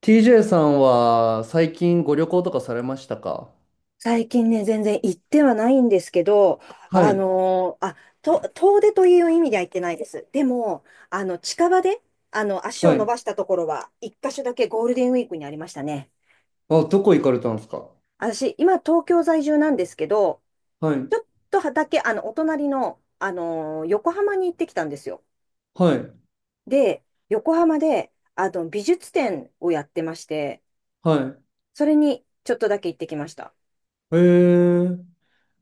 TJ さんは最近ご旅行とかされましたか？最近ね、全然行ってはないんですけど、はあい。のーあ、遠出という意味では行ってないです。でも、近場で、足はを伸い。ばしたところは、一箇所だけゴールデンウィークにありましたね。あ、どこ行かれたんですか？私、今、東京在住なんですけど、はい。ちょっとだけ、お隣の、横浜に行ってきたんですよ。はい。で、横浜で、美術展をやってまして、はそれに、ちょっとだけ行ってきました。い。ー、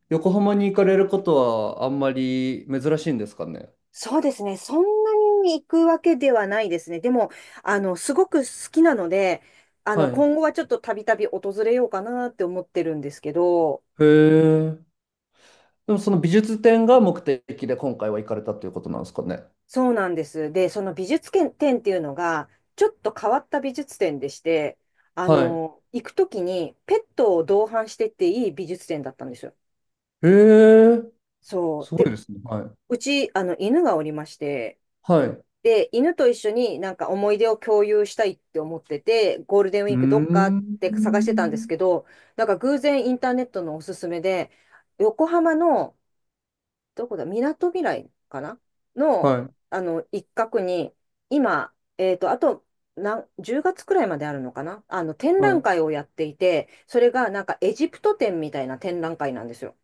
横浜に行かれることはあんまり珍しいんですかね？そうですね。そんなに行くわけではないですね。でも、すごく好きなので、はい。今後はちょっとたびたび訪れようかなって思ってるんですけど、へえー、でもその美術展が目的で今回は行かれたということなんですかね？そうなんです。で、その美術展っていうのが、ちょっと変わった美術展でして、はい。行くときにペットを同伴してっていい美術展だったんですよ。へえー、そう。すごいで、ですね。はい。うち、犬がおりまして、はい。うで、犬と一緒になんか思い出を共有したいって思ってて、ゴールデンウーィークどっかって探しん。てたんですけど、なんか偶然インターネットのおすすめで、横浜の、どこだ、みなとみらいかなの、はい。一角に、今、あと、10月くらいまであるのかな、展は覧い。会をやっていて、それがなんかエジプト展みたいな展覧会なんですよ。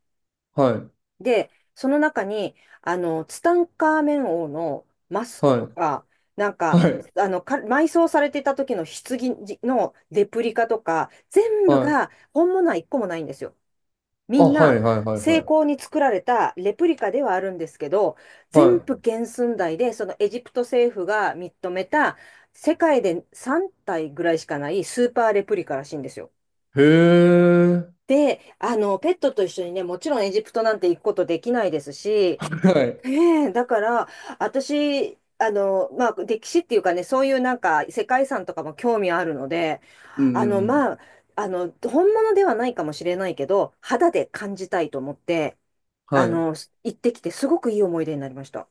はい。で、その中に、ツタンカーメン王のマスクはとい。か、なんか、はい。埋葬されていた時の棺のレプリカとか、全部はい。が本物は一個もないんですよ。みあ、んはな、い。はい。はい。は精い巧に作られたレプリカではあるんですけど、全は部原寸大で、そのエジプト政府が認めた、世界で3体ぐらいしかないスーパーレプリカらしいんですよ。い。へえ。で、ペットと一緒にね、もちろんエジプトなんて行くことできないですし、はい。ねえ、だから、私、まあ、歴史っていうかね、そういうなんか世界遺産とかも興味あるので、うんうんあの、うん。まあ、あの、本物ではないかもしれないけど、肌で感じたいと思って、はあい。の、行ってきて、すごくいい思い出になりました。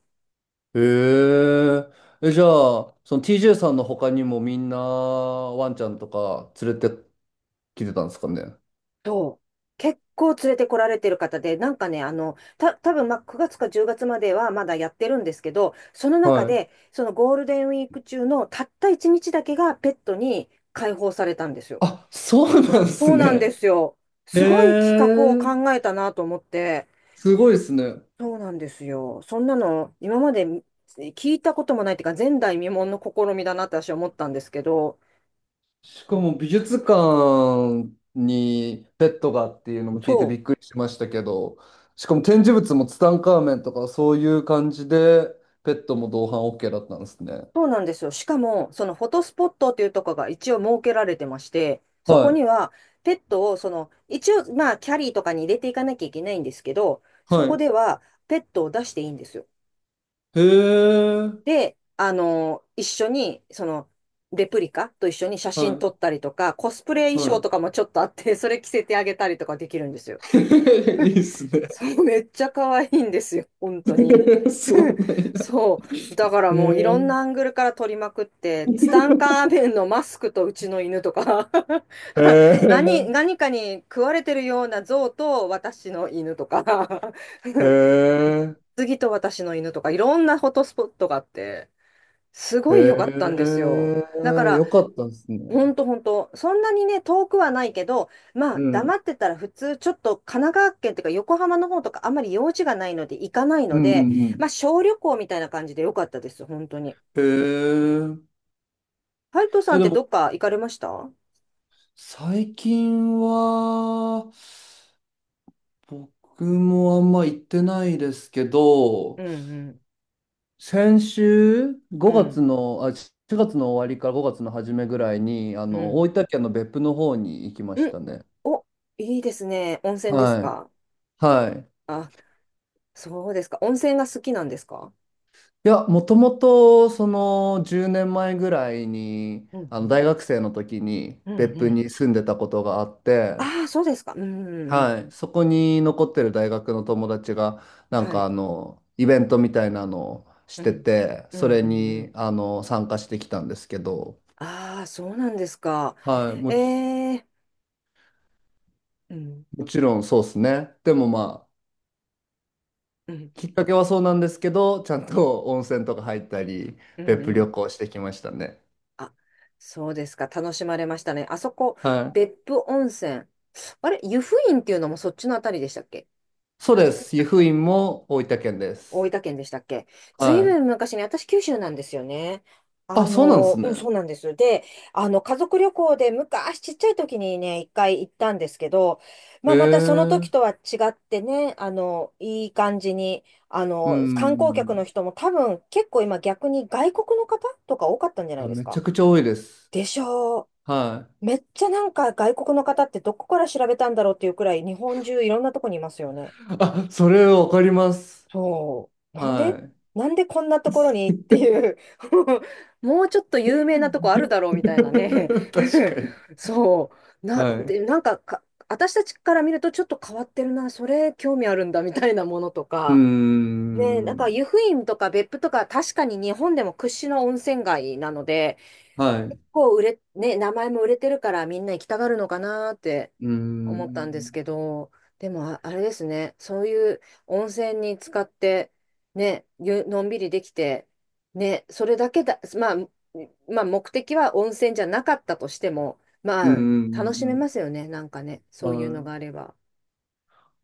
へえ。え、じゃあ、その TJ さんの他にもみんなワンちゃんとか連れてきてたんですかね。そう。結構連れてこられてる方で、なんかね、多分まあ9月か10月まではまだやってるんですけど、その中はい。で、そのゴールデンウィーク中のたった1日だけがペットに解放されたんですよ。あ、そうなんですそうなんでね。すよ。へすごい企画をえ。考えたなと思って、すごいですね。そうなんですよ。そんなの今まで聞いたこともないっていうか、前代未聞の試みだなって私は思ったんですけど、しうかん、も美術館にペットがっていうのも聞いてびそう、っくりしましたけど、しかも展示物もツタンカーメンとかそういう感じでペットも同伴 OK だったんですね。そうなんですよ。しかも、そのフォトスポットっていうところが一応設けられてまして、はそこにいはペットを、一応、まあ、キャリーとかに入れていかなきゃいけないんですけど、そはこい。ではペットを出していいんですよ。へえ。で、一緒に、レプリカと一緒に写真は撮ったりとか、コスプレ衣い。装はとかもちょっとあって、それ着せてあげたりとかできるんですい。よ。いいっすね。そう、めっちゃ可愛いんですよ、本当に。そう なんや。そう。だからへもういろんえ。なアングルから撮りまくって、ツタンカーメンのマスクとうちの犬とか、 へ え。何かに食われてるような象と私の犬とか、 へ次と私の犬とか、いろんなフォトスポットがあって、すごい良かったんえ。ですよ。だかへえ。ら、よかったですね。ほんとほんと、そんなにね、遠くはないけど、まうあ、黙ん。ってたら普通、ちょっと神奈川県とか横浜の方とかあんまり用事がないので行かないうのんうんで、うまん。あ、小旅行みたいな感じで良かったです、本当に。へえ。ハルトさんえ、っでても、どっか行かれました？うん最近は、僕もあんま行ってないですけうど、ん先週、う5月ん、の、あ、4月の終わりから5月の初めぐらいに、うん、大分県の別府の方に行きまうしん。たね。お、いいですね。温泉ですはい。か？はい。あ、そうですか。温泉が好きなんですか？いや、もともと、10年前ぐらいに、うん大学生の時にうん、う別んう府ん。に住んでたことがあって、ああ、そうですか。うんうんうん。はい。そこに残ってる大学の友達が、なんはか、い。イベントみたいなのをしうてん。て、うそんれうんうに、ん。参加してきたんですけど、ああ、そうなんですか。はい。もうええ、うん。もちろんそうですね。でもまあ、うん。きっかけはそうなんですけど、ちゃんと温泉とか入ったり、うん別府う旅ん。行してきましたね。あ、そうですか。楽しまれましたね。あそこ、はい。別府温泉。あれ、湯布院っていうのもそっちのあたりでしたっけ？そあうれ、で違いましす。た湯っ布け？院も大分県で大す。分県でしたっけ？ずいはぶい。ん昔に、私九州なんですよね。あ、そうなんですうね。ん、そうなんです。で、家族旅行で昔ちっちゃい時にね、一回行ったんですけど、まへあ、またそのえ。時とは違ってね、いい感じに、う観光客のん。人も多分結構今逆に外国の方とか多かったんじゃいないやですめちか？ゃくちゃ多いです。でしょはう？めっちゃなんか外国の方ってどこから調べたんだろうっていうくらい日本中いろんなとこにいますよね。い。あ、それわかります。そう。はい。なんでこんなところにっていう、 もうちょっと有名なとこあるだろうみたいなね。 確か に。そう。はい。で、うなんか、私たちから見るとちょっと変わってるな、それ興味あるんだみたいなものとーか。ね、なんかん。湯布院とか別府とか確かに日本でも屈指の温泉街なので、はい。う結構売れ、ね、名前も売れてるからみんな行きたがるのかなってー思ったんでん。すけど、でもあれですね、そういう温泉に使って、ね、ゆのんびりできて、ね、それだけだ、まあ目的は温泉じゃなかったとしても、うーまあ楽しめまん。すよね、なんかね、そはういうのがい。あれば。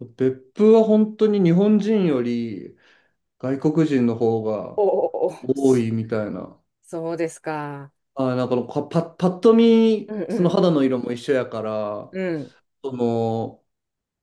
別府は本当に日本人より外国人の方がおおお、多いみたいな。そうですか。あ、なんかのかパ、パッとう見、んそうのん、肌の色も一緒やから、うん、その、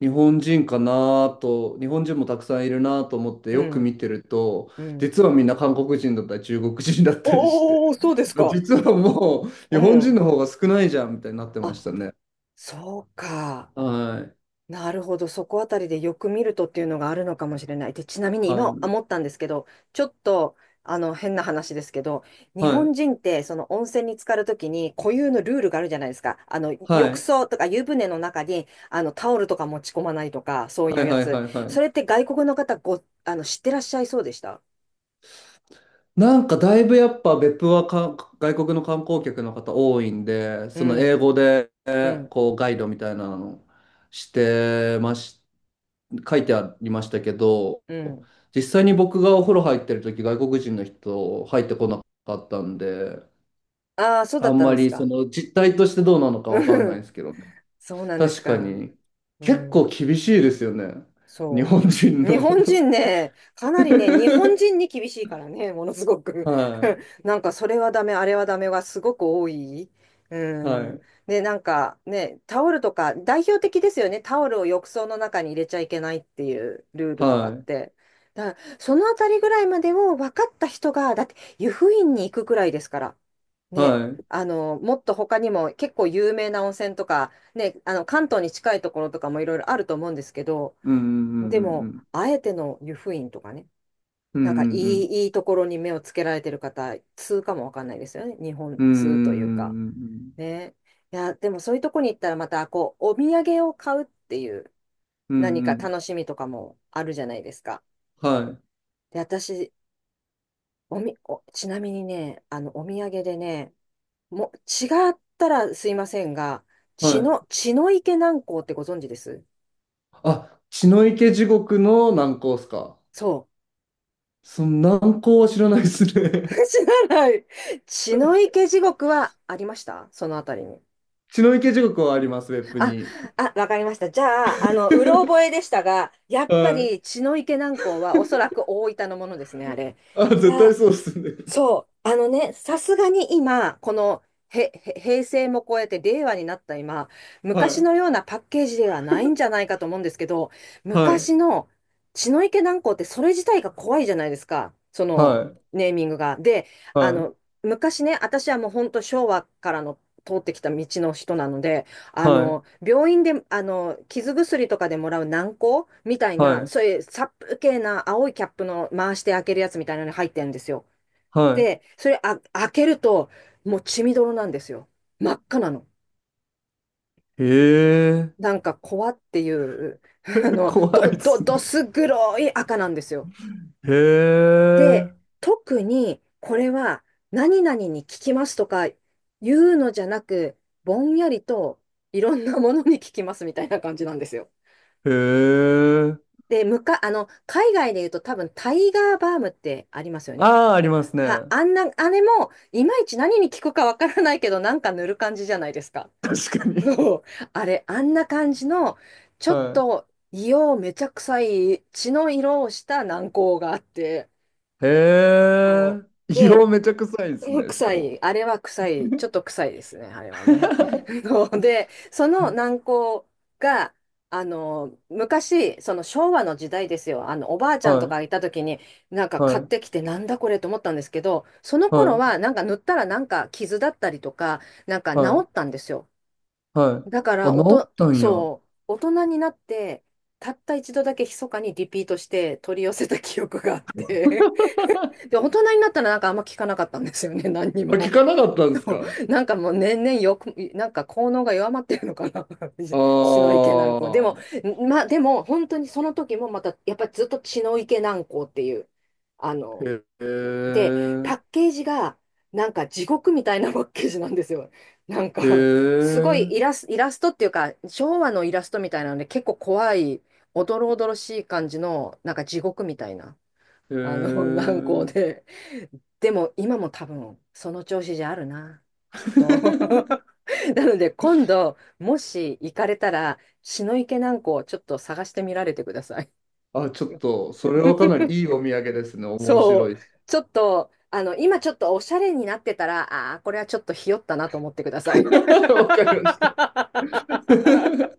日本人かなと、日本人もたくさんいるなと思ってうよくん、見てると、うん。実はみんな韓国人だったり中国人だったりして、おお、そうで すまあか。実はもう日う本人のん。方が少ないじゃんみたいになってまあ、したね。そうか。はい。なるほど。そこあたりでよく見るとっていうのがあるのかもしれない。で、ちなみには今い。思ったんですけど、ちょっと、変な話ですけど、日は本い。人って、その温泉に浸かるときに固有のルールがあるじゃないですか。は浴い。槽とか湯船の中に、タオルとか持ち込まないとか、そういはうい。やはい。つ。はい。はそれっい。て外国の方ご、あの、知ってらっしゃいそうでした？なんかだいぶやっぱ別府は外国の観光客の方多いんで、うそのん、英語でうん、こうガイドみたいなのしてまし、書いてありましたけど、うん。実際に僕がお風呂入ってる時外国人の人入ってこなかったんで、ああ、そうだあっんたんまですりそか。の実態としてどうなのかわかんうないんん、ですけどね。そうなんです確かか。にう結構ん。厳しいですよね。日そ本人う。日の 本人ね、かなりね、日本人 に厳しいからね、ものすごく。 は い、なんか、それはダメ、あれはダメがすごく多い。うはん。い、で、なんかね、タオルとか、代表的ですよね。タオルを浴槽の中に入れちゃいけないっていうルールとかっはい、て。だから、そのあたりぐらいまでを分かった人が、だって、湯布院に行くくらいですから。ね。はい。もっと他にも結構有名な温泉とか、ね、関東に近いところとかもいろいろあると思うんですけど、うんうんうでんうも、んあえての湯布院とかね、うなんかんいいところに目をつけられてる方、通かもわかんないですよね。日本うんうんう通というか。んうんね。いや、でもそういうとこに行ったらまた、こう、お土産を買うっていううんう何んうかん。楽しみとかもあるじゃないですか。はで、私、おみ、お、ちなみにね、お土産でね、もう、違ったらすいませんが、いはい。血の池南港ってご存知ですあ、血の池地獄の難航っすか？そう。その難航は知らないです ね。 知らない。血の池地獄はありましたそのあたりに。血の池地獄はありますウェブあ、に。 あ、わかりました。じゃあ、う ろ覚えでしたが、やっはぱい。り血の池南港はおそらく大分のものですね、あれ。あ、い絶対や、そうっすね。そう、あのね、さすがに今、この平成も超えて令和になった今、は昔い。のようなパッケージではないんじゃないかと思うんですけど、はい。昔の血の池軟膏ってそれ自体が怖いじゃないですか、そはのい。ネーミングが。で、はあい。の、昔ね、私はもう本当昭和からの通ってきた道の人なので、はい。病院で、傷薬とかでもらう軟膏みたいはな、そうい。いう殺風景な青いキャップの回して開けるやつみたいなのに入ってるんですよ。はで、それあ、開けると、もう血みどろなんですよ。真っ赤なの。い。へえ。なんか、コアっていう、あの、怖いっすどね。す黒い赤なんですよ。へで、え。特に、これは、何々に効きますとか言うのじゃなく、ぼんやりと、いろんなものに効きますみたいな感じなんですよ。へえ。で、あの、海外で言うと多分、タイガーバームってありますよね。ああー、ありますね。は、あんな、あれも、いまいち何に効くかわからないけど、なんか塗る感じじゃないですか。確かに。そうあれ、あんな感じの、ちょはっい。と硫黄めちゃ臭い血の色をした軟膏があって、へそうえ。硫で、黄めちゃ臭いでそすのね、しか臭も。い、あれは臭い、ちょっと臭いですね、あれはね。で、その軟膏が、昔、その昭和の時代ですよ、おばあちゃんとはかい、がいた時に、なんか買はってい、きて、なんだこれと思ったんですけど、そのは頃い、は、なんか塗ったらなんか傷だったりとか、なんか治はい、ったんですよ。はい。だかあ、ら、治ったんや。あ、そう、大人になって、たった一度だけ密かにリピートして取り寄せた記憶があって、で、大人になったらなんかあんま聞かなかったんですよね、何に聞も。かなかったんですそか？うなんかもう年々よく、なんか効能が弱まってるのかな、血のああ池軟膏。でも、ー。まあでも、本当にその時もまた、やっぱりずっと血の池軟膏っていう、あの、へで、パえ。ッケージが、なんか地獄みたいなパッケージなんですよ。なんへか、すごえ。いイラストっていうか、昭和のイラストみたいなので、結構怖い、おどろおどろしい感じの、なんか地獄みたいな、へあの、軟膏え。で。でも、今も多分、その調子じゃあるな、きっと。なので、今度、もし行かれたら、血の池軟膏をちょっと探してみられてください。あ、ちょっと、それはかなりいいお土産ですね。面そ白う。いし。ちょっと、あの、今ちょっとおしゃれになってたら、ああ、これはちょっとひよったなと思ってください。わかりまし た。